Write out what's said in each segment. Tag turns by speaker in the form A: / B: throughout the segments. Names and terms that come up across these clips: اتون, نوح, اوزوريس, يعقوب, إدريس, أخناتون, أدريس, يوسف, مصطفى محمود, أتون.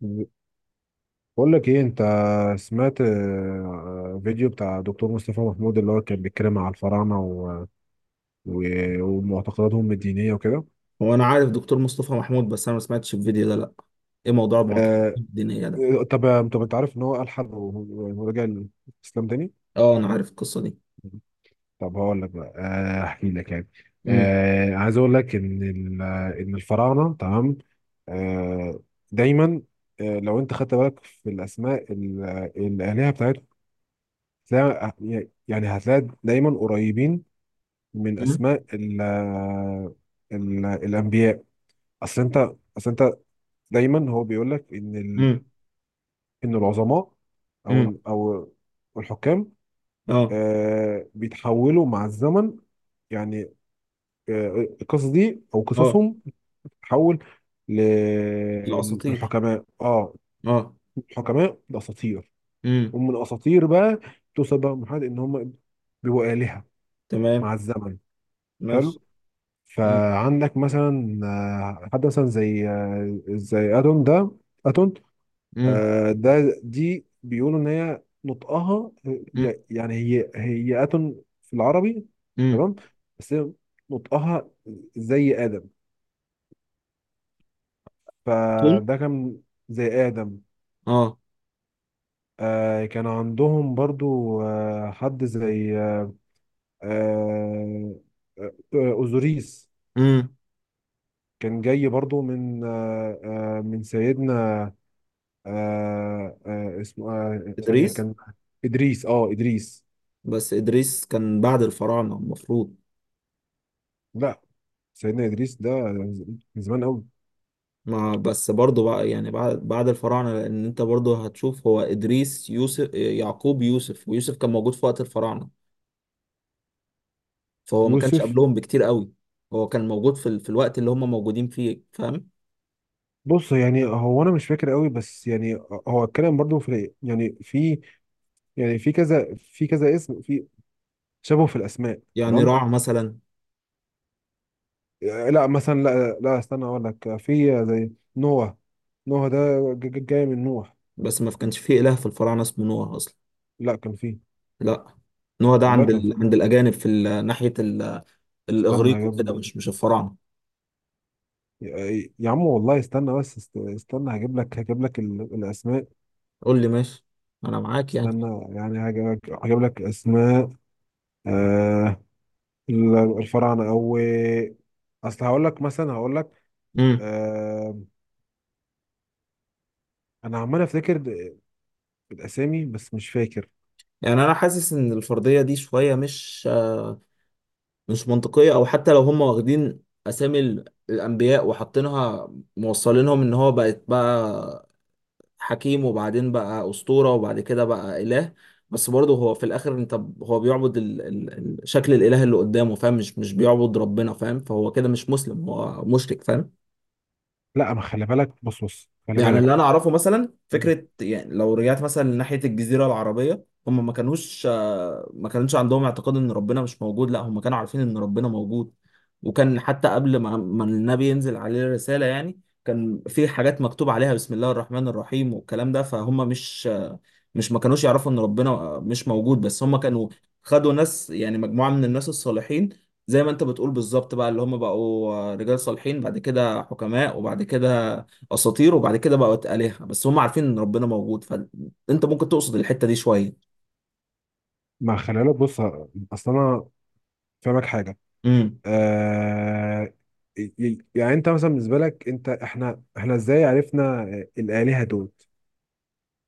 A: بقول لك ايه انت سمعت فيديو بتاع دكتور مصطفى محمود اللي هو كان بيتكلم على الفراعنه و... ومعتقداتهم الدينيه وكده.
B: هو انا عارف دكتور مصطفى محمود، بس انا ما سمعتش الفيديو ده. لا. ايه موضوع المعتقدات
A: آه...
B: الدينيه ده؟
A: طب انت عارف ان هو الحد ورجع الاسلام تاني.
B: اه، انا عارف القصه دي.
A: طب هقول لك بقى، احكي لك يعني.
B: امم.
A: عايز اقول لك ان ان الفراعنه، تمام. آه... دايما، لو انت خدت بالك في الاسماء، الالهه بتاعتهم، يعني هتلاقي دايما قريبين من
B: امم.
A: اسماء ال ال الانبياء. اصل انت اصل انت دايما هو بيقول لك ان ال
B: امم.
A: ان العظماء، او
B: امم.
A: او الحكام،
B: اه.
A: بيتحولوا مع الزمن. يعني، آه القصص دي او
B: اه.
A: قصصهم بتتحول ل-
B: الاساطير.
A: للحكماء اه.
B: اه.
A: الحكماء لاساطير،
B: امم.
A: ومن اساطير بقى توصل بقى لمرحله ان هم بيبقوا آلهة مع
B: تمام.
A: الزمن.
B: ماشي.
A: حلو.
B: امم.
A: فعندك مثلا حد مثلا زي زي اتون ده. اتون،
B: امم.
A: دي بيقولوا ان هي نطقها،
B: امم.
A: يعني هي اتون في العربي،
B: امم.
A: تمام. بس هي نطقها زي ادم،
B: تون.
A: فده كان زي ادم.
B: اه.
A: كان عندهم برضو حد زي آه، آه، اوزوريس.
B: امم.
A: كان جاي برضو من، من سيدنا، اسمه، ثانية
B: ادريس.
A: كان، إدريس.
B: بس ادريس كان بعد الفراعنه المفروض.
A: لا، سيدنا إدريس ده من زمان قوي.
B: ما بس برضه بقى يعني بعد الفراعنه، لان انت برضه هتشوف هو ادريس يوسف يعقوب يوسف، ويوسف كان موجود في وقت الفراعنه. فهو ما كانش
A: يوسف.
B: قبلهم بكتير قوي. هو كان موجود في في الوقت اللي هم موجودين فيه، فاهم؟
A: بص يعني هو، أنا مش فاكر قوي، بس يعني هو الكلام برضو في، يعني في، يعني في كذا، في كذا اسم، في شبه في الأسماء.
B: يعني
A: تمام.
B: راع مثلا.
A: لا مثلا، لا، لا، استنى أقول لك، في زي نوح. نوح ده جاي من نوح.
B: بس ما كانش فيه اله في الفراعنه اسمه نوح اصلا.
A: لا كان فيه،
B: لا، نوح ده
A: والله
B: عند
A: كان
B: عند
A: فيه.
B: الاجانب، في ناحيه
A: استنى
B: الاغريق
A: يا
B: وكده،
A: ابني،
B: مش الفراعنه.
A: يا عم والله، استنى، بس استنى هجيب لك، الأسماء.
B: قول لي ماشي، انا معاك يعني.
A: استنى يعني، هجيب لك اسماء، آه الفراعنه، او، اصل هقول لك مثلا، هقول لك،
B: امم.
A: آه انا عمال افتكر الاسامي، بس مش فاكر.
B: يعني انا حاسس ان الفرضيه دي شويه مش مش منطقيه، او حتى لو هم واخدين اسامي الانبياء وحاطينها موصلينهم ان هو بقت بقى حكيم، وبعدين بقى أسطورة، وبعد كده بقى إله. بس برضه هو في الآخر أنت هو بيعبد شكل الإله اللي قدامه، فاهم؟ مش بيعبد ربنا، فاهم؟ فهو كده مش مسلم، هو مشرك، فاهم؟
A: لا، ما خلي بالك، بص خلي
B: يعني اللي
A: بالك،
B: انا اعرفه مثلا فكره، يعني لو رجعت مثلا ناحيه الجزيره العربيه، هم ما كانوش ما كانش عندهم اعتقاد ان ربنا مش موجود، لا هم كانوا عارفين ان ربنا موجود. وكان حتى قبل ما النبي ينزل عليه الرساله، يعني كان في حاجات مكتوب عليها بسم الله الرحمن الرحيم والكلام ده، فهم مش ما كانوش يعرفوا ان ربنا مش موجود، بس هم كانوا خدوا ناس، يعني مجموعه من الناس الصالحين، زي ما انت بتقول بالظبط بقى، اللي هم بقوا رجال صالحين، بعد كده حكماء، وبعد كده اساطير، وبعد كده بقت الهه. بس هم عارفين ان ربنا موجود، فانت ممكن تقصد الحته دي شويه.
A: ما خلي بالك، بص. اصل انا فاهمك حاجه.
B: امم.
A: آه يعني انت مثلا، بالنسبه لك انت، احنا ازاي عرفنا الالهه دول؟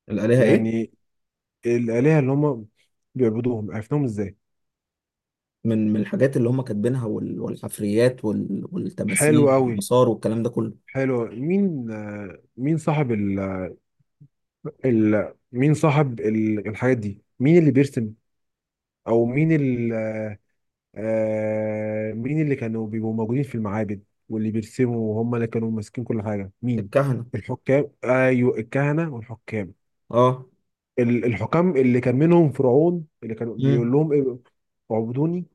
B: الالهه ايه؟
A: يعني الالهه اللي هم بيعبدوهم، عرفناهم ازاي؟
B: من الحاجات اللي هم كاتبينها، والحفريات،
A: حلو
B: والتماثيل،
A: قوي.
B: والمسار، والكلام ده كله.
A: حلو. مين، مين صاحب، مين صاحب الحاجات دي، مين اللي بيرسم، او مين مين اللي كانوا بيبقوا موجودين في المعابد واللي بيرسموا، وهم اللي كانوا ماسكين كل حاجة؟ مين؟
B: الكهنه.
A: الحكام، ايوه، الكهنة والحكام.
B: اه.
A: الحكام اللي كان منهم فرعون، اللي كانوا بيقول
B: امم.
A: لهم، إيه، اعبدوني،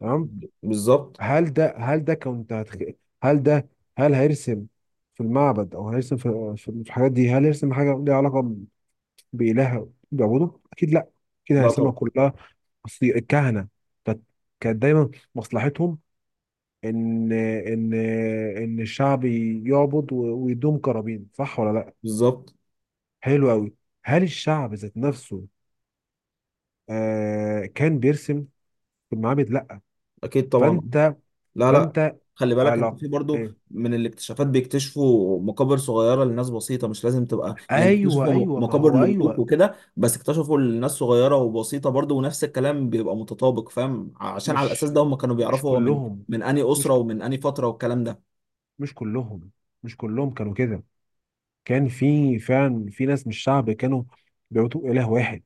A: تمام.
B: بالظبط.
A: هل ده هل ده كنت هتخ... هل ده هل هيرسم في المعبد، او هيرسم في الحاجات دي؟ هل يرسم حاجه ليها علاقه بإلهها بيعبدوا؟ أكيد لأ. كده
B: لا
A: هيسمع
B: طبعا.
A: كلها. أصل الكهنة كانت كانت دايما مصلحتهم إن إن إن الشعب يعبد ويدوم كرابين، صح ولا لأ؟
B: بالظبط.
A: حلو أوي. هل الشعب ذات نفسه كان بيرسم في المعابد؟ لأ.
B: اكيد طبعا.
A: فأنت
B: لا، لا،
A: فأنت
B: خلي بالك
A: على
B: انت في برضو،
A: إيه؟
B: من الاكتشافات بيكتشفوا مقابر صغيره لناس بسيطه. مش لازم تبقى يعني
A: أيوه،
B: اكتشفوا
A: أيوه، ما
B: مقابر
A: هو
B: لملوك
A: أيوه.
B: وكده، بس اكتشفوا لناس صغيره وبسيطه برضو، ونفس الكلام بيبقى متطابق، فاهم؟ عشان على الاساس
A: مش
B: ده هم كانوا
A: مش
B: بيعرفوا هو من
A: كلهم،
B: انهي
A: مش
B: اسره،
A: ك-
B: ومن انهي فتره، والكلام ده.
A: مش كلهم مش كلهم كانوا كده. كان في فعلا في ناس من الشعب كانوا بيعبدوا إله واحد.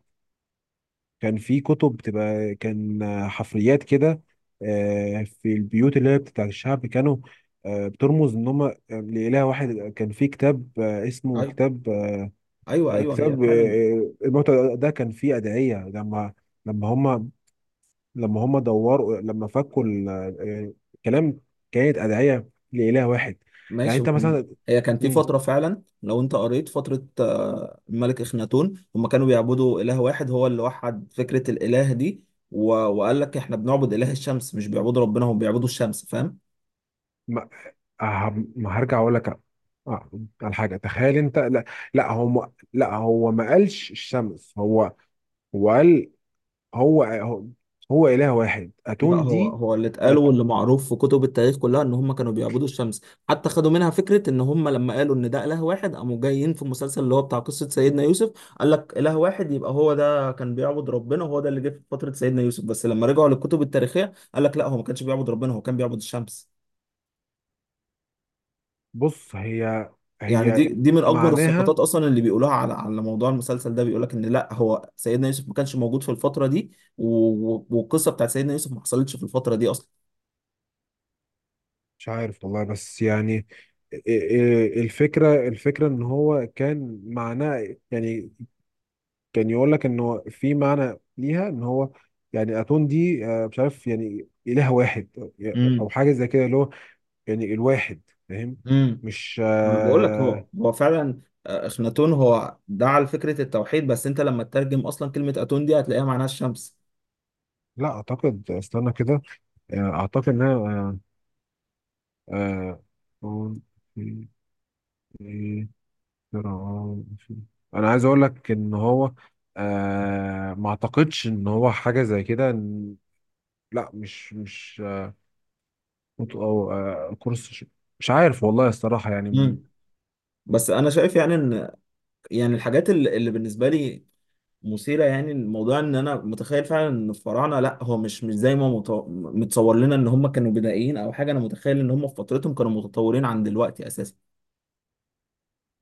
A: كان في كتب بتبقى، كان حفريات كده، في البيوت اللي هي بتاعت الشعب كانوا بترمز ان هم لإله واحد. كان في كتاب اسمه
B: ايوه،
A: كتاب،
B: ايوه، ايوه، هي فعلا.
A: الموتى ده، كان فيه أدعية، لما هم لما هم دوروا، الكلام، كانت أدعية لإله واحد. يعني
B: ماشي،
A: انت
B: هم
A: مثلا.
B: هي كان في
A: مم.
B: فترة فعلا، لو انت قريت فترة الملك اخناتون، هم كانوا بيعبدوا اله واحد. هو اللي وحد فكرة الاله دي. وقال لك احنا بنعبد اله الشمس، مش بيعبدوا ربنا، هم بيعبدوا الشمس، فاهم؟
A: ه- ما هرجع اقول لك، آه، على حاجه. تخيل انت. لا، لا هو ما قالش الشمس. هو قال، هو هو هو اله واحد،
B: لا،
A: اتون
B: هو
A: دي.
B: هو اللي اتقال
A: أت.
B: واللي معروف في كتب التاريخ كلها ان هم كانوا بيعبدوا الشمس. حتى خدوا منها فكره ان هم لما قالوا ان ده اله واحد، قاموا جايين في المسلسل اللي هو بتاع قصه سيدنا يوسف، قال لك اله واحد، يبقى هو ده كان بيعبد ربنا، وهو ده اللي جه في فتره سيدنا يوسف. بس لما رجعوا للكتب التاريخيه قال لك لا، هو ما كانش بيعبد ربنا، هو كان بيعبد الشمس.
A: بص، هي
B: يعني دي
A: هي
B: دي من اكبر
A: معناها،
B: السقطات اصلا اللي بيقولوها على موضوع المسلسل ده. بيقول لك ان لا، هو سيدنا يوسف ما كانش موجود في الفتره دي، والقصه بتاعت سيدنا يوسف ما حصلتش في الفتره دي اصلا.
A: مش عارف والله، بس يعني، إ- إ- الفكره ان هو كان معناه، يعني كان يقول لك انه في معنى ليها، ان هو يعني اتون دي مش عارف، يعني اله واحد، او أو
B: امم.
A: حاجه زي كده، اللي هو يعني الواحد، فاهم؟
B: امم.
A: مش.
B: انا بقول لك هو هو فعلا، اخناتون هو دعا لفكره التوحيد، بس انت لما تترجم اصلا كلمه اتون دي هتلاقيها معناها الشمس.
A: لا اعتقد، استنى كده. اعتقد ان انا، آه، آه، في- في- في- انا عايز اقول لك ان هو، ما اعتقدش ان هو حاجه زي كده. لا، مش مش او كورس، مش عارف والله الصراحه، يعني،
B: مم. بس انا شايف يعني ان، يعني الحاجات اللي بالنسبه لي مثيره، يعني الموضوع ان انا متخيل فعلا ان الفراعنه لا، هو مش زي ما متصور لنا ان هم كانوا بدائيين او حاجه. انا متخيل ان هم في فترتهم كانوا متطورين عن دلوقتي اساسا.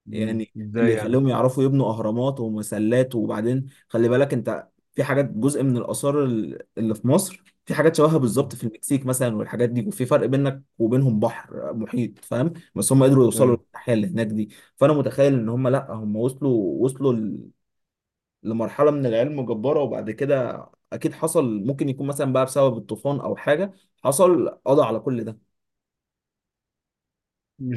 B: يعني اللي
A: ازاي يعني؟
B: يخليهم يعرفوا يبنوا اهرامات ومسلات، وبعدين خلي بالك انت، في حاجات جزء من الاثار اللي في مصر، في حاجات شبهها
A: م-
B: بالظبط في المكسيك مثلا، والحاجات دي، وفي فرق بينك وبينهم بحر محيط، فاهم؟ بس هم قدروا يوصلوا
A: آه،
B: للحياه اللي هناك دي. فانا متخيل ان هم لا، هم وصلوا، لمرحله من العلم جباره، وبعد كده اكيد حصل، ممكن يكون مثلا بقى بسبب الطوفان او حاجه، حصل قضى على كل ده.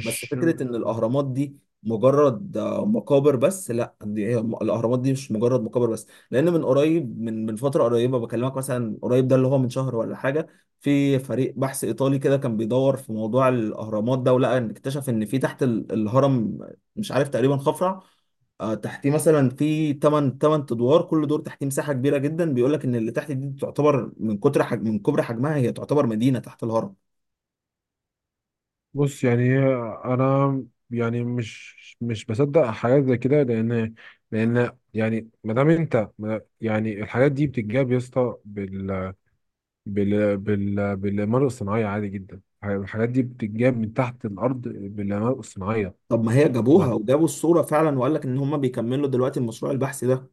B: بس فكرة إن الأهرامات دي مجرد مقابر بس، لا، دي هي الأهرامات دي مش مجرد مقابر بس، لأن من قريب، من فترة قريبة بكلمك، مثلا قريب ده اللي هو من شهر ولا حاجة، في فريق بحث إيطالي كده كان بيدور في موضوع الأهرامات ده، ولقى إن اكتشف إن في تحت الهرم، مش عارف تقريبا خفرع، تحتيه مثلا في 8 ادوار، كل دور تحتيه مساحة كبيرة جدا. بيقول لك إن اللي تحت دي تعتبر من كتر حجم، من كبر حجمها هي، تعتبر مدينة تحت الهرم.
A: بص يعني انا يعني مش بصدق حاجات زي كده، لان يعني ما دام انت، يعني الحاجات دي بتتجاب، يا اسطى، بال بال بال بالإعمار الصناعية عادي جدا. الحاجات دي بتتجاب من تحت الأرض بالإعمار الصناعية.
B: طب ما هي
A: ما
B: جابوها، وجابوا الصورة فعلا، وقال لك ان هم بيكملوا دلوقتي المشروع البحثي ده.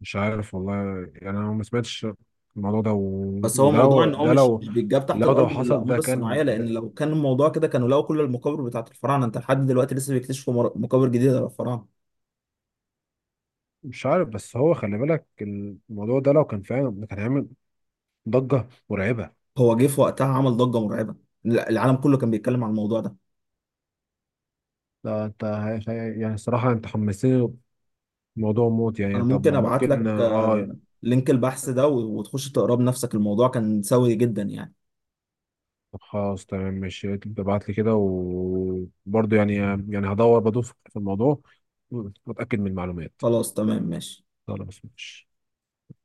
A: مش عارف والله، يعني أنا ما سمعتش الموضوع ده،
B: بس هو موضوع
A: وده
B: ان هو
A: ده
B: مش
A: لو
B: مش بيتجاب تحت
A: لو ده
B: الارض
A: حصل،
B: بالاقمار
A: ده
B: الصناعية،
A: كان،
B: لان
A: ده
B: لو كان الموضوع كده كانوا لقوا كل المقابر بتاعت الفراعنة. انت لحد دلوقتي لسه بيكتشفوا مقابر جديدة للفراعنة.
A: مش عارف، بس هو خلي بالك الموضوع ده، لو كان فعلا كان هيعمل ضجة مرعبة.
B: هو جه في وقتها عمل ضجة مرعبة. لا، العالم كله كان بيتكلم عن الموضوع ده.
A: لا، انت يعني الصراحة انت حمستني، موضوع موت يعني،
B: انا
A: طب
B: ممكن ابعت
A: ممكن،
B: لك
A: اه.
B: لينك البحث ده وتخش تقراه بنفسك. الموضوع كان سوي جدا يعني.
A: طب خلاص، تمام، ماشي، ابعت لي كده، وبرضه يعني، بدور في الموضوع واتأكد من المعلومات.
B: خلاص تمام ماشي.
A: خلاص ماشي.